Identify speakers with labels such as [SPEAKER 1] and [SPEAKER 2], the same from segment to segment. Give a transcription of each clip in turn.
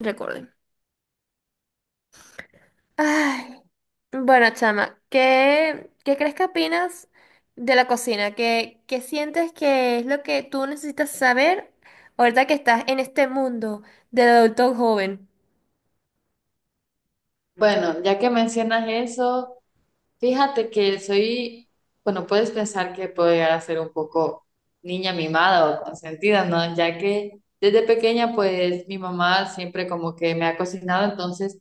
[SPEAKER 1] Recuerden. Ay, bueno, chama, ¿qué crees que opinas de la cocina? ¿Qué sientes que es lo que tú necesitas saber ahorita que estás en este mundo del adulto joven?
[SPEAKER 2] Bueno, ya que mencionas eso, fíjate que soy, bueno, puedes pensar que puedo llegar a ser un poco niña mimada o consentida, ¿no? Ya que desde pequeña, pues mi mamá siempre como que me ha cocinado, entonces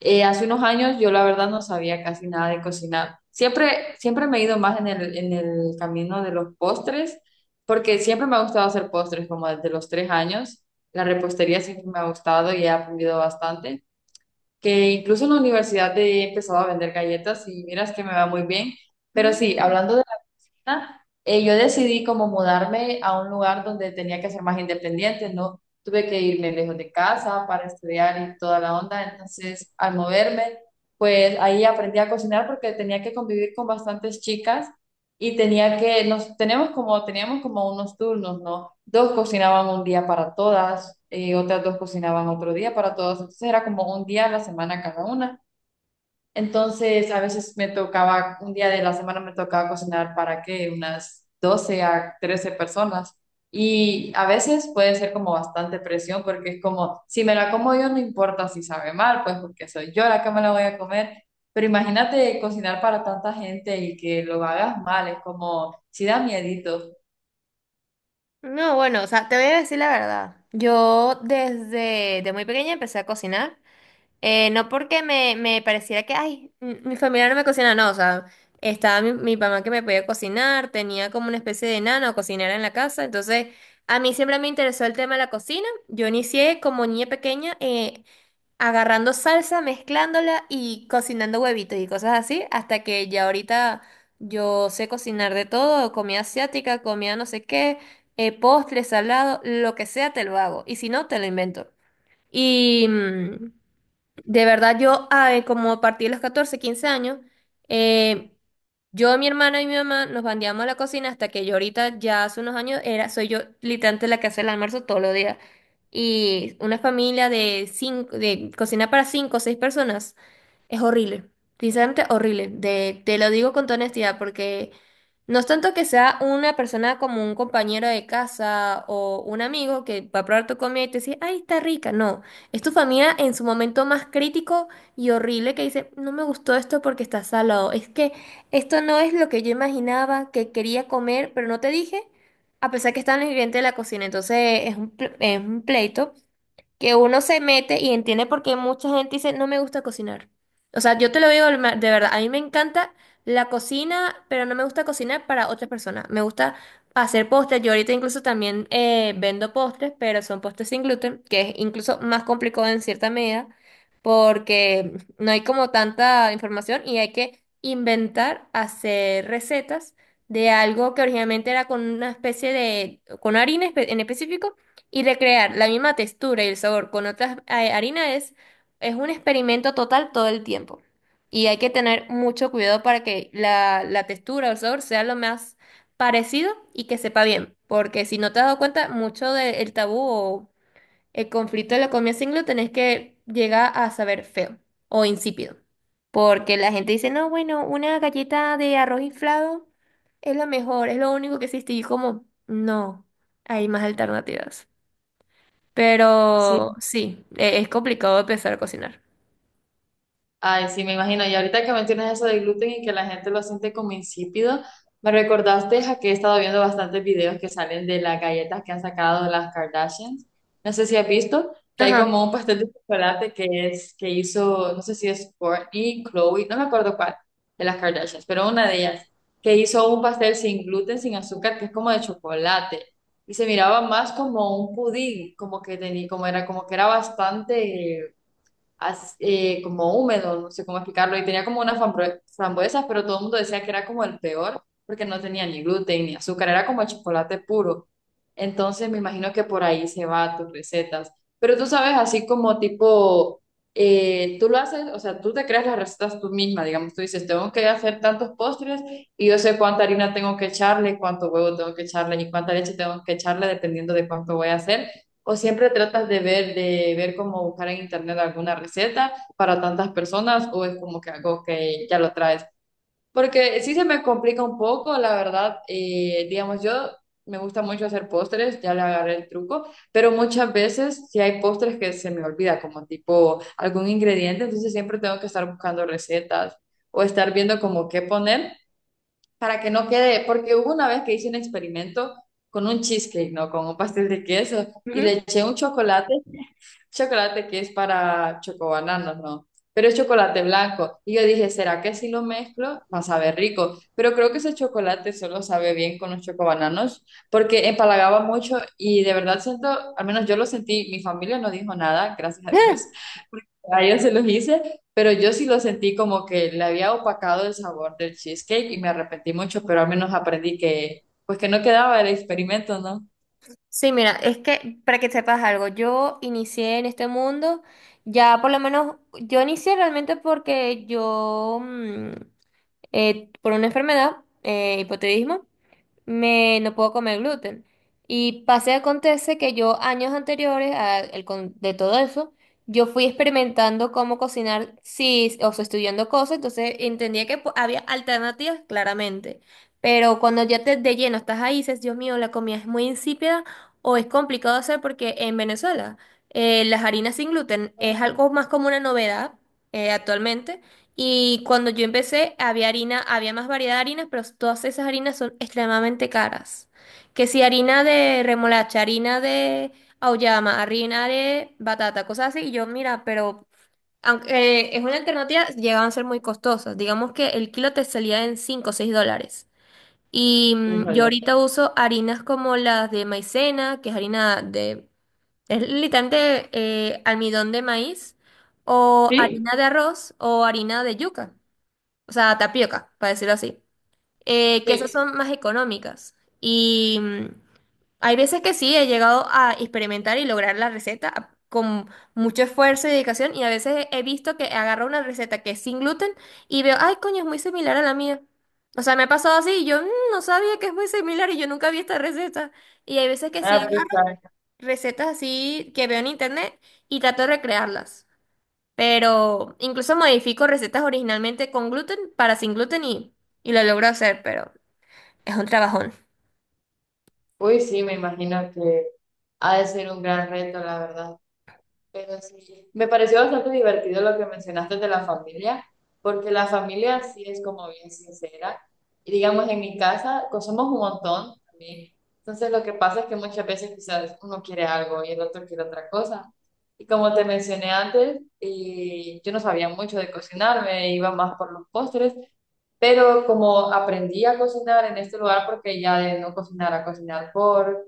[SPEAKER 2] hace unos años yo la verdad no sabía casi nada de cocinar. Siempre, siempre me he ido más en el camino de los postres, porque siempre me ha gustado hacer postres, como desde los 3 años. La repostería siempre me ha gustado y he aprendido bastante que incluso en la universidad he empezado a vender galletas y miras que me va muy bien. Pero sí,
[SPEAKER 1] Mm,
[SPEAKER 2] hablando de. Yo decidí como mudarme a un lugar donde tenía que ser más independiente, ¿no? Tuve que irme lejos de casa para estudiar y toda la onda, entonces al moverme, pues ahí aprendí a cocinar porque tenía que convivir con bastantes chicas y tenía que, nos tenemos como, teníamos como unos turnos, ¿no? Dos cocinaban un día para todas, otras dos cocinaban otro día para todas, entonces era como un día a la semana cada una. Entonces, a veces me tocaba, un día de la semana me tocaba cocinar para qué unas 12 a 13 personas. Y a veces puede ser como bastante presión porque es como, si me la como yo no importa si sabe mal, pues porque soy yo la que me la voy a comer. Pero imagínate cocinar para tanta gente y que lo hagas mal, es como, si da miedito.
[SPEAKER 1] no, bueno, o sea, te voy a decir la verdad. Yo desde de muy pequeña empecé a cocinar. No porque me pareciera que, ay, mi familia no me cocina, no, o sea, estaba mi mamá que me podía cocinar, tenía como una especie de nana o cocinera en la casa, entonces a mí siempre me interesó el tema de la cocina, yo inicié como niña pequeña agarrando salsa, mezclándola y cocinando huevitos y cosas así, hasta que ya ahorita yo sé cocinar de todo, comida asiática, comida no sé qué, postre, salado, lo que sea te lo hago, y si no, te lo invento. Y, de verdad, como a partir de los 14, 15 años, eh, yo, mi hermana y mi mamá nos bandeamos a la cocina hasta que yo ahorita, ya hace unos años, soy yo literalmente la que hace el almuerzo todos los días. Y una familia de cinco, de cocina para cinco o seis personas, es horrible, sinceramente horrible. Te lo digo con toda honestidad, porque no es tanto que sea una persona como un compañero de casa o un amigo que va a probar tu comida y te dice, ay, está rica. No, es tu familia en su momento más crítico y horrible que dice, no me gustó esto porque está salado. Es que esto no es lo que yo imaginaba que quería comer, pero no te dije, a pesar que está en el ingrediente de la cocina. Entonces es un pleito que uno se mete y entiende por qué mucha gente dice, no me gusta cocinar. O sea, yo te lo digo de verdad, a mí me encanta la cocina, pero no me gusta cocinar para otras personas. Me gusta hacer postres. Yo ahorita incluso también vendo postres, pero son postres sin gluten, que es incluso más complicado en cierta medida, porque no hay como tanta información y hay que inventar, hacer recetas de algo que originalmente era con una especie de, con harina en específico y recrear la misma textura y el sabor con otras harinas es un experimento total todo el tiempo. Y hay que tener mucho cuidado para que la textura o el sabor sea lo más parecido y que sepa bien. Porque si no te has dado cuenta, mucho del tabú o el conflicto de la comida sin gluten es que llega a saber feo o insípido. Porque la gente dice, no, bueno, una galleta de arroz inflado es lo mejor, es lo único que existe. Y yo como, no, hay más alternativas. Pero sí, es complicado empezar a cocinar.
[SPEAKER 2] Ay, sí, me imagino. Y ahorita que mencionas eso del gluten y que la gente lo siente como insípido, me recordaste a que he estado viendo bastantes videos que salen de las galletas que han sacado las Kardashians. No sé si has visto que hay
[SPEAKER 1] Ajá.
[SPEAKER 2] como un pastel de chocolate que es que hizo, no sé si es Kourtney Chloe, no me acuerdo cuál de las Kardashians, pero una de ellas que hizo un pastel sin gluten, sin azúcar, que es como de chocolate y se miraba más como un pudín, como que tenía, como era, como que era bastante como húmedo, no sé cómo explicarlo, y tenía como unas frambuesas, pero todo el mundo decía que era como el peor, porque no tenía ni gluten ni azúcar, era como chocolate puro. Entonces me imagino que por ahí se va tus recetas. Pero tú sabes, así como tipo, tú lo haces, o sea, tú te creas las recetas tú misma, digamos, tú dices, tengo que hacer tantos postres y yo sé cuánta harina tengo que echarle, cuánto huevo tengo que echarle y cuánta leche tengo que echarle, dependiendo de cuánto voy a hacer. O siempre tratas de ver cómo buscar en internet alguna receta para tantas personas, o es como que algo que ya lo traes. Porque sí se me complica un poco, la verdad. Digamos, yo me gusta mucho hacer postres, ya le agarré el truco, pero muchas veces sí hay postres que se me olvida, como tipo algún ingrediente, entonces siempre tengo que estar buscando recetas o estar viendo como qué poner para que no quede, porque hubo una vez que hice un experimento con un cheesecake, ¿no? Con un pastel de queso y le
[SPEAKER 1] Ujú.
[SPEAKER 2] eché un chocolate que es para chocobananos, ¿no? Pero es chocolate blanco. Y yo dije, ¿será que si lo mezclo va a saber rico? Pero creo que ese chocolate solo sabe bien con los chocobananos porque empalagaba mucho y de verdad siento, al menos yo lo sentí, mi familia no dijo nada, gracias a
[SPEAKER 1] Ah,
[SPEAKER 2] Dios, porque a ellos se los hice, pero yo sí lo sentí como que le había opacado el sabor del cheesecake y me arrepentí mucho, pero al menos aprendí que, pues que no quedaba el experimento, ¿no?
[SPEAKER 1] sí, mira, es que para que sepas algo, yo inicié en este mundo, ya por lo menos, yo inicié realmente porque por una enfermedad, hipotiroidismo, me no puedo comer gluten. Y pase acontece que yo años anteriores a de todo eso, yo fui experimentando cómo cocinar, sí, o sea, estudiando cosas, entonces entendía que había alternativas, claramente. Pero cuando ya te de lleno estás ahí, dices, Dios mío, la comida es muy insípida o es complicado hacer porque en Venezuela las harinas sin gluten es algo más como una novedad actualmente. Y cuando yo empecé, había harina, había más variedad de harinas, pero todas esas harinas son extremadamente caras. Que si harina de remolacha, harina de auyama, harina de batata, cosas así, y yo, mira, pero aunque es una alternativa, llegaban a ser muy costosas. Digamos que el kilo te salía en $5 o $6. Y yo
[SPEAKER 2] Híjole.
[SPEAKER 1] ahorita uso harinas como las de maicena, que es harina de, es literalmente almidón de maíz, o
[SPEAKER 2] ¿Sí?
[SPEAKER 1] harina de arroz, o harina de yuca, o sea, tapioca, para decirlo así, que esas
[SPEAKER 2] Sí.
[SPEAKER 1] son más económicas. Y hay veces que sí, he llegado a experimentar y lograr la receta con mucho esfuerzo y dedicación, y a veces he visto que agarro una receta que es sin gluten y veo, ay, coño, es muy similar a la mía. O sea, me ha pasado así y yo no sabía que es muy similar y yo nunca vi esta receta. Y hay veces que sí
[SPEAKER 2] Ah, pues,
[SPEAKER 1] agarro
[SPEAKER 2] claro.
[SPEAKER 1] recetas así que veo en internet y trato de recrearlas. Pero incluso modifico recetas originalmente con gluten para sin gluten y lo logro hacer, pero es un trabajón.
[SPEAKER 2] Uy, sí, me imagino que ha de ser un gran reto, la verdad. Pero sí, me pareció bastante divertido lo que mencionaste de la familia, porque la familia sí es como bien sincera. Y digamos, en mi casa, somos un montón también. Entonces, lo que pasa es que muchas veces quizás uno quiere algo y el otro quiere otra cosa. Y como te mencioné antes, yo no sabía mucho de cocinar, me iba más por los postres, pero como aprendí a cocinar en este lugar, porque ya de no cocinar a cocinar por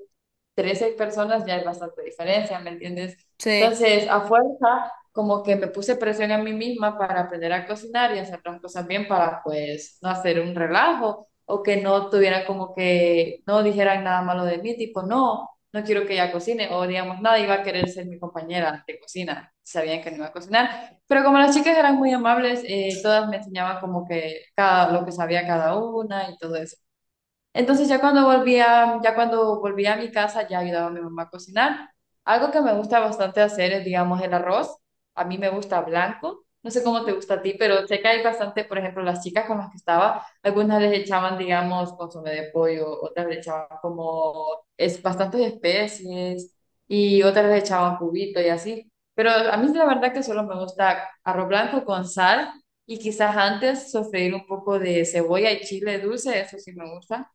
[SPEAKER 2] 13 personas ya es bastante diferencia, ¿me entiendes?
[SPEAKER 1] Sí.
[SPEAKER 2] Entonces, a fuerza, como que me puse presión a mí misma para aprender a cocinar y hacer las cosas bien para, pues, no hacer un relajo o que no tuvieran como que, no dijeran nada malo de mí, tipo, no, no quiero que ella cocine o digamos, nadie iba a querer ser mi compañera de cocina, sabían que no iba a cocinar, pero como las chicas eran muy amables, todas me enseñaban como que cada, lo que sabía cada una y todo eso. Entonces ya cuando volvía a mi casa, ya ayudaba a mi mamá a cocinar. Algo que me gusta bastante hacer es, digamos, el arroz. A mí me gusta blanco. No sé cómo
[SPEAKER 1] Ujú.
[SPEAKER 2] te gusta a ti, pero sé que hay bastante, por ejemplo, las chicas con las que estaba, algunas les echaban, digamos, consomé de pollo, otras le echaban como es, bastantes especies y otras le echaban cubito y así. Pero a mí la verdad que solo me gusta arroz blanco con sal y quizás antes sofreír un poco de cebolla y chile dulce, eso sí me gusta.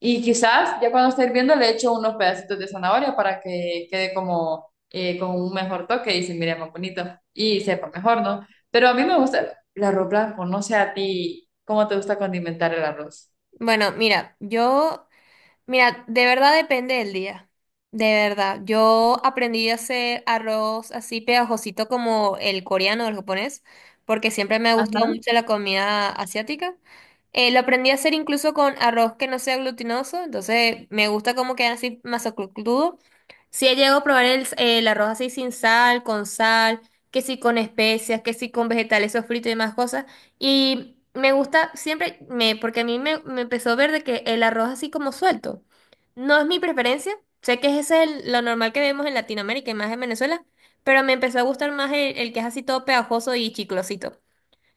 [SPEAKER 2] Y quizás ya cuando esté hirviendo le echo unos pedacitos de zanahoria para que quede como con un mejor toque y se mire más bonito y sepa mejor, ¿no? Pero a mí me gusta el arroz blanco, no sé a ti cómo te gusta condimentar el arroz.
[SPEAKER 1] Bueno, mira, de verdad depende del día. De verdad. Yo aprendí a hacer arroz así pegajosito como el coreano o el japonés, porque siempre me ha gustado
[SPEAKER 2] Ajá.
[SPEAKER 1] mucho la comida asiática. Lo aprendí a hacer incluso con arroz que no sea glutinoso, entonces me gusta cómo queda así masacrudo. Sí he llegado a probar el arroz así sin sal, con sal, que sí con especias, que sí con vegetales sofritos y demás cosas. Y me gusta siempre, porque a mí me empezó a ver de que el arroz así como suelto. No es mi preferencia, sé que ese es lo normal que vemos en Latinoamérica y más en Venezuela, pero me empezó a gustar más el que es así todo pegajoso y chiclosito.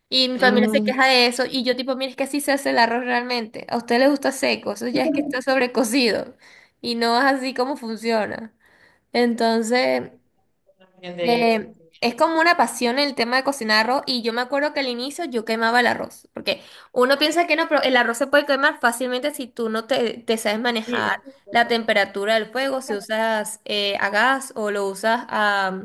[SPEAKER 1] Y mi familia se
[SPEAKER 2] Mm.
[SPEAKER 1] queja de eso y yo tipo, mire, es que así se hace el arroz realmente. A usted le gusta seco, eso ya es que está sobrecocido y no es así como funciona. Entonces.
[SPEAKER 2] También de
[SPEAKER 1] Eh,
[SPEAKER 2] sentimiento.
[SPEAKER 1] es como una pasión el tema de cocinar arroz y yo me acuerdo que al inicio yo quemaba el arroz, porque uno piensa que no, pero el arroz se puede quemar fácilmente si tú no te sabes
[SPEAKER 2] Sí,
[SPEAKER 1] manejar
[SPEAKER 2] eso es
[SPEAKER 1] la
[SPEAKER 2] cierto.
[SPEAKER 1] temperatura del fuego, si usas a gas o lo usas a,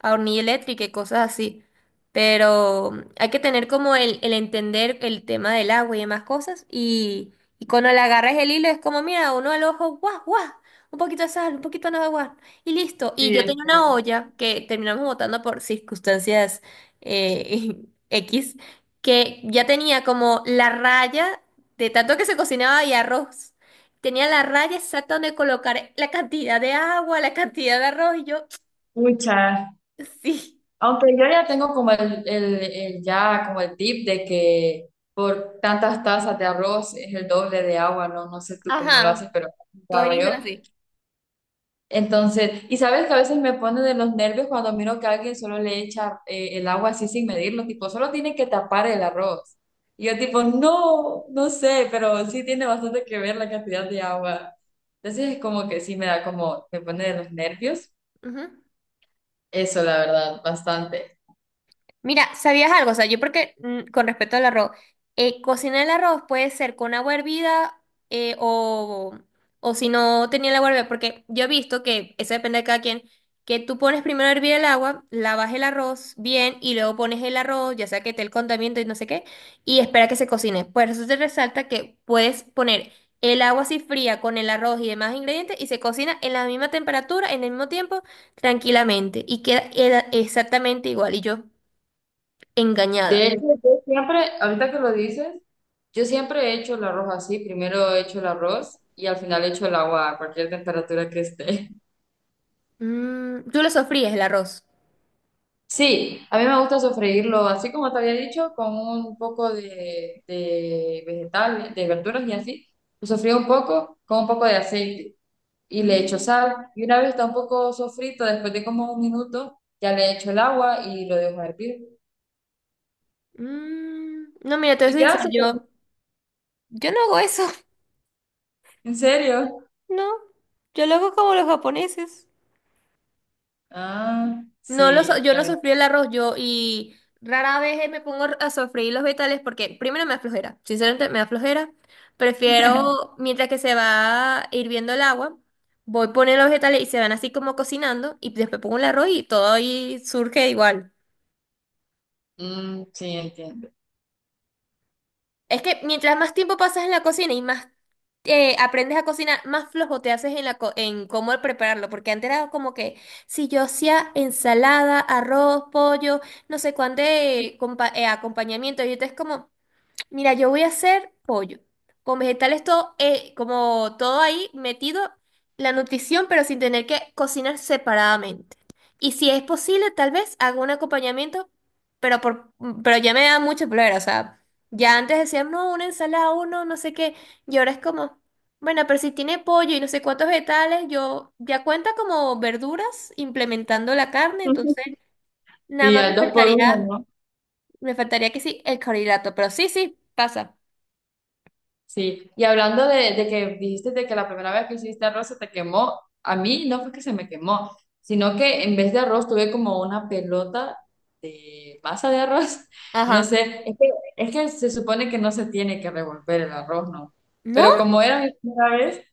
[SPEAKER 1] a hornilla eléctrica y cosas así. Pero hay que tener como el entender el tema del agua y demás cosas. Y cuando le agarras el hilo es como, mira, uno al ojo, guau, guau, un poquito de sal, un poquito de nada, guau, y listo. Y
[SPEAKER 2] Sí,
[SPEAKER 1] yo tenía
[SPEAKER 2] este,
[SPEAKER 1] una olla que terminamos botando por circunstancias eh, X, que ya tenía como la raya de tanto que se cocinaba y arroz. Tenía la raya exacta donde colocar la cantidad de agua, la cantidad de arroz, y yo,
[SPEAKER 2] muchas.
[SPEAKER 1] sí.
[SPEAKER 2] Aunque yo ya tengo como ya como el tip de que por tantas tazas de arroz es el doble de agua, no, no sé tú cómo lo haces,
[SPEAKER 1] Ajá,
[SPEAKER 2] pero lo
[SPEAKER 1] todos
[SPEAKER 2] hago yo.
[SPEAKER 1] inician así.
[SPEAKER 2] Entonces, y sabes que a veces me pone de los nervios cuando miro que alguien solo le echa el agua así sin medirlo, tipo, solo tiene que tapar el arroz. Y yo tipo, no, no sé, pero sí tiene bastante que ver la cantidad de agua. Entonces es como que sí me da como, me pone de los nervios.
[SPEAKER 1] Ujú.
[SPEAKER 2] Eso, la verdad, bastante.
[SPEAKER 1] Mira, ¿sabías algo? O sea, yo porque con respecto al arroz, cocinar el arroz puede ser con agua hervida eh, o, o si no tenía el agua hervida, porque yo he visto que eso depende de cada quien, que tú pones primero a hervir el agua, lavas el arroz bien y luego pones el arroz, ya sea que esté el condimento y no sé qué, y espera que se cocine. Por eso te resalta que puedes poner el agua así fría con el arroz y demás ingredientes y se cocina en la misma temperatura, en el mismo tiempo, tranquilamente y queda era exactamente igual. Y yo engañada.
[SPEAKER 2] De hecho, yo siempre, ahorita que lo dices, yo siempre he hecho el arroz así. Primero he hecho el arroz y al final he hecho el agua a cualquier temperatura que esté.
[SPEAKER 1] ¿Tú lo sofríes el arroz?
[SPEAKER 2] Sí, a mí me gusta sofreírlo, así como te había dicho, con un poco de vegetales, de verduras y así. Lo sofrío un poco con un poco de aceite y le echo
[SPEAKER 1] Mm,
[SPEAKER 2] sal. Y una vez está un poco sofrito, después de como un minuto, ya le echo el agua y lo dejo hervir.
[SPEAKER 1] mm. No, mira, te voy a
[SPEAKER 2] ¿Y
[SPEAKER 1] ser
[SPEAKER 2] qué hace?
[SPEAKER 1] sincera, yo no hago eso,
[SPEAKER 2] ¿En serio?
[SPEAKER 1] no. Yo lo hago como los japoneses.
[SPEAKER 2] Ah,
[SPEAKER 1] No, lo so-
[SPEAKER 2] sí,
[SPEAKER 1] yo no
[SPEAKER 2] ya.
[SPEAKER 1] sofrí el arroz, y rara vez me pongo a sofreír los vegetales porque primero me da flojera, sinceramente me da flojera. Prefiero, mientras que se va hirviendo el agua, voy poniendo los vegetales y se van así como cocinando y después pongo el arroz y todo ahí surge igual.
[SPEAKER 2] Mm, sí, entiendo.
[SPEAKER 1] Es que mientras más tiempo pasas en la cocina y más aprendes a cocinar, más flojo te haces en la en cómo prepararlo, porque antes era como que si yo hacía ensalada, arroz, pollo, no sé cuánto acompañamiento, y entonces como mira, yo voy a hacer pollo, con vegetales todo, como todo ahí metido, la nutrición, pero sin tener que cocinar separadamente. Y si es posible, tal vez hago un acompañamiento, pero por, pero ya me da mucho problema, o sea, ya antes decían, no, una ensalada, uno, no sé qué, y ahora es como, bueno, pero si tiene pollo y no sé cuántos vegetales, yo ya cuenta como verduras implementando la carne,
[SPEAKER 2] Ujú.
[SPEAKER 1] entonces nada
[SPEAKER 2] Sí,
[SPEAKER 1] más
[SPEAKER 2] al
[SPEAKER 1] me
[SPEAKER 2] dos por uno,
[SPEAKER 1] faltaría,
[SPEAKER 2] ¿no?
[SPEAKER 1] me faltaría que sí, el carbohidrato, pero sí, sí, pasa.
[SPEAKER 2] Sí. Y hablando de que dijiste de que la primera vez que hiciste arroz se te quemó, a mí no fue que se me quemó, sino que en vez de arroz tuve como una pelota de masa de arroz. No
[SPEAKER 1] Ajá.
[SPEAKER 2] sé, es que se supone que no se tiene que revolver el arroz, ¿no?
[SPEAKER 1] ¿No?
[SPEAKER 2] Pero como era mi primera vez,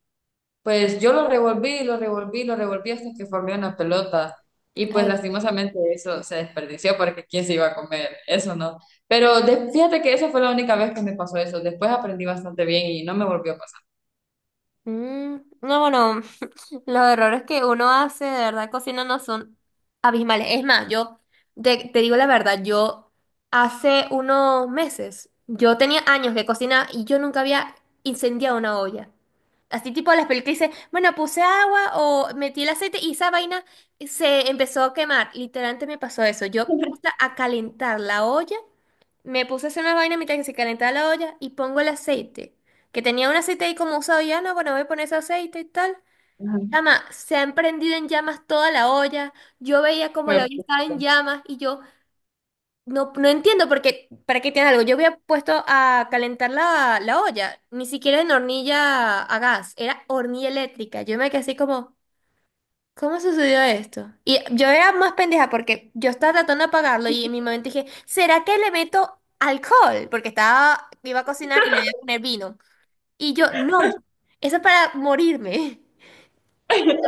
[SPEAKER 2] pues yo lo revolví, lo revolví, lo revolví hasta que formé una pelota. Y pues
[SPEAKER 1] Ay,
[SPEAKER 2] lastimosamente eso se desperdició porque quién se iba a comer, eso no. Pero fíjate que eso fue la única vez que me pasó eso. Después aprendí bastante bien y no me volvió a pasar.
[SPEAKER 1] mm, no, bueno, los errores que uno hace de verdad cocinando son abismales. Es más, yo te digo la verdad, yo hace unos meses, yo tenía años de cocinar y yo nunca había incendiado una olla. Así tipo las películas dice, bueno, puse agua o metí el aceite y esa vaina se empezó a quemar. Literalmente me pasó eso. Yo puse a calentar la olla, me puse a hacer una vaina mientras que se calentaba la olla y pongo el aceite. Que tenía un aceite ahí como usado ya, no, bueno, voy a poner ese aceite y tal.
[SPEAKER 2] Ajá.
[SPEAKER 1] Chama, se ha prendido en llamas toda la olla. Yo veía como la
[SPEAKER 2] Fue-
[SPEAKER 1] olla estaba en llamas y yo no, no entiendo porque, ¿para qué tiene algo? Yo había puesto a calentar la olla, ni siquiera en hornilla a gas, era hornilla eléctrica. Yo me quedé así como, ¿cómo sucedió esto? Y yo era más pendeja porque yo estaba tratando de apagarlo y en mi momento dije, ¿será que le meto alcohol? Porque estaba, iba a cocinar y le iba a poner vino. Y yo, no, eso es para morirme.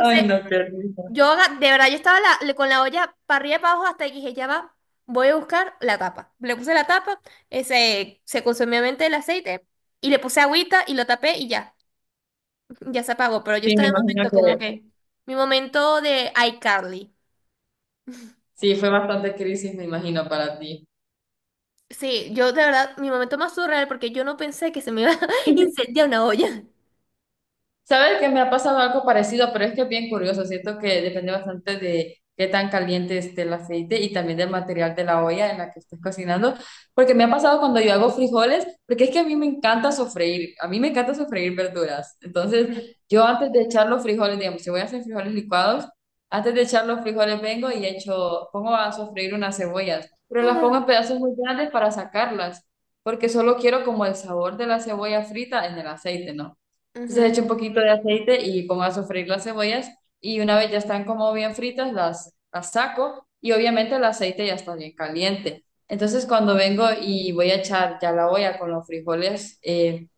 [SPEAKER 2] Ay, no, qué risa.
[SPEAKER 1] yo de verdad, yo estaba con la olla para arriba y para abajo hasta que dije, ya va, voy a buscar la tapa. Le puse la tapa, se consumió obviamente el aceite y le puse agüita y lo tapé y ya, ya se apagó. Pero yo
[SPEAKER 2] Sí, me
[SPEAKER 1] estaba en
[SPEAKER 2] imagino
[SPEAKER 1] momento como
[SPEAKER 2] que
[SPEAKER 1] que, mi momento de iCarly.
[SPEAKER 2] sí, fue bastante crisis, me imagino, para ti.
[SPEAKER 1] Sí, yo de verdad, mi momento más surreal porque yo no pensé que se me iba a incendiar una olla.
[SPEAKER 2] Sabes que me ha pasado algo parecido, pero es que es bien curioso. Siento que depende bastante de qué tan caliente esté el aceite y también del material de la olla en la que estés cocinando. Porque me ha pasado cuando yo hago frijoles, porque es que a mí me encanta sofreír. A mí me encanta sofreír verduras. Entonces,
[SPEAKER 1] Ujú.
[SPEAKER 2] yo antes de echar los frijoles, digamos, si voy a hacer frijoles licuados, antes de echar los frijoles vengo y echo, pongo a sofreír unas cebollas, pero las pongo en pedazos muy grandes para sacarlas, porque solo quiero como el sabor de la cebolla frita en el aceite, ¿no? Entonces echo un poquito de aceite y pongo a sofreír las cebollas y una vez ya están como bien fritas, las saco y obviamente el aceite ya está bien caliente. Entonces cuando vengo y voy a echar ya la olla con los frijoles,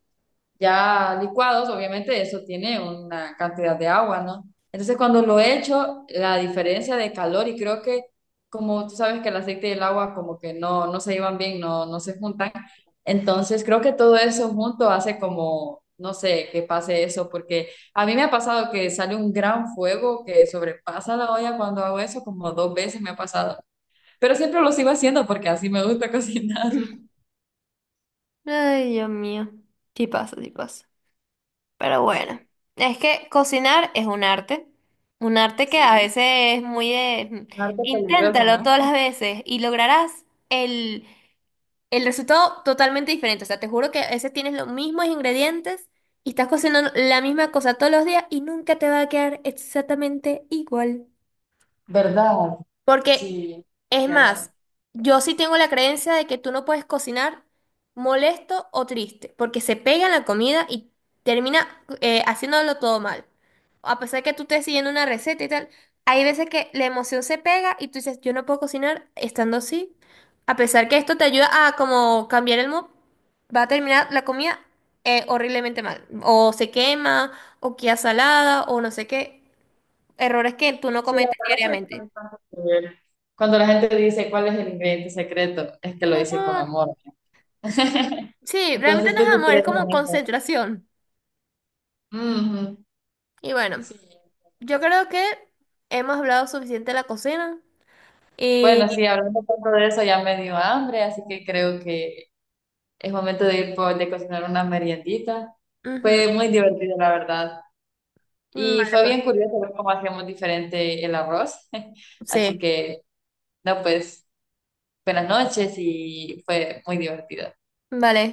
[SPEAKER 2] ya licuados, obviamente eso tiene una cantidad de agua, ¿no? Entonces cuando lo he hecho, la diferencia de calor y creo que como tú sabes que el aceite y el agua como que no, no se llevan bien, no, no se juntan, entonces creo que todo eso junto hace como, no sé, que pase eso, porque a mí me ha pasado que sale un gran fuego que sobrepasa la olla cuando hago eso, como dos veces me ha pasado, pero siempre lo sigo haciendo porque así me gusta cocinarlo.
[SPEAKER 1] Ujú. Ay, Dios mío. Sí pasa, sí pasa. Pero
[SPEAKER 2] Sí,
[SPEAKER 1] bueno, es que cocinar es un arte. Un arte que a
[SPEAKER 2] sí.
[SPEAKER 1] veces es muy de.
[SPEAKER 2] Un arte peligroso,
[SPEAKER 1] Inténtalo
[SPEAKER 2] ¿no?
[SPEAKER 1] todas las veces y lograrás el resultado totalmente diferente. O sea, te juro que a veces tienes los mismos ingredientes y estás cocinando la misma cosa todos los días y nunca te va a quedar exactamente igual.
[SPEAKER 2] ¿Verdad?
[SPEAKER 1] Porque,
[SPEAKER 2] Sí,
[SPEAKER 1] es más,
[SPEAKER 2] cierto.
[SPEAKER 1] yo sí tengo la creencia de que tú no puedes cocinar molesto o triste, porque se pega en la comida y termina haciéndolo todo mal. A pesar de que tú estés siguiendo una receta y tal, hay veces que la emoción se pega y tú dices, yo no puedo cocinar estando así. A pesar que esto te ayuda a como cambiar el mood, va a terminar la comida horriblemente mal. O se quema, o queda salada, o no sé qué. Errores que tú no
[SPEAKER 2] Sí, la
[SPEAKER 1] cometes
[SPEAKER 2] verdad que
[SPEAKER 1] diariamente.
[SPEAKER 2] tiene tanto que ver. Cuando la gente dice cuál es el ingrediente secreto, es que
[SPEAKER 1] El
[SPEAKER 2] lo dice con
[SPEAKER 1] amor.
[SPEAKER 2] amor.
[SPEAKER 1] Sí, realmente
[SPEAKER 2] Entonces
[SPEAKER 1] no
[SPEAKER 2] tú
[SPEAKER 1] es
[SPEAKER 2] sí
[SPEAKER 1] amor, es
[SPEAKER 2] crees
[SPEAKER 1] como
[SPEAKER 2] en eso.
[SPEAKER 1] concentración.
[SPEAKER 2] Ujú.
[SPEAKER 1] Y bueno,
[SPEAKER 2] Sí.
[SPEAKER 1] yo creo que hemos hablado suficiente de la cocina.
[SPEAKER 2] Bueno,
[SPEAKER 1] Y...
[SPEAKER 2] sí, hablando tanto de eso ya me dio hambre, así que creo que es momento de ir por, de cocinar una meriendita.
[SPEAKER 1] ujú,
[SPEAKER 2] Fue muy divertido, la verdad. Y
[SPEAKER 1] vale,
[SPEAKER 2] fue
[SPEAKER 1] pues.
[SPEAKER 2] bien curioso ver cómo hacíamos diferente el arroz. Así
[SPEAKER 1] Sí.
[SPEAKER 2] que, no, pues, buenas noches y fue muy divertido.
[SPEAKER 1] Vale.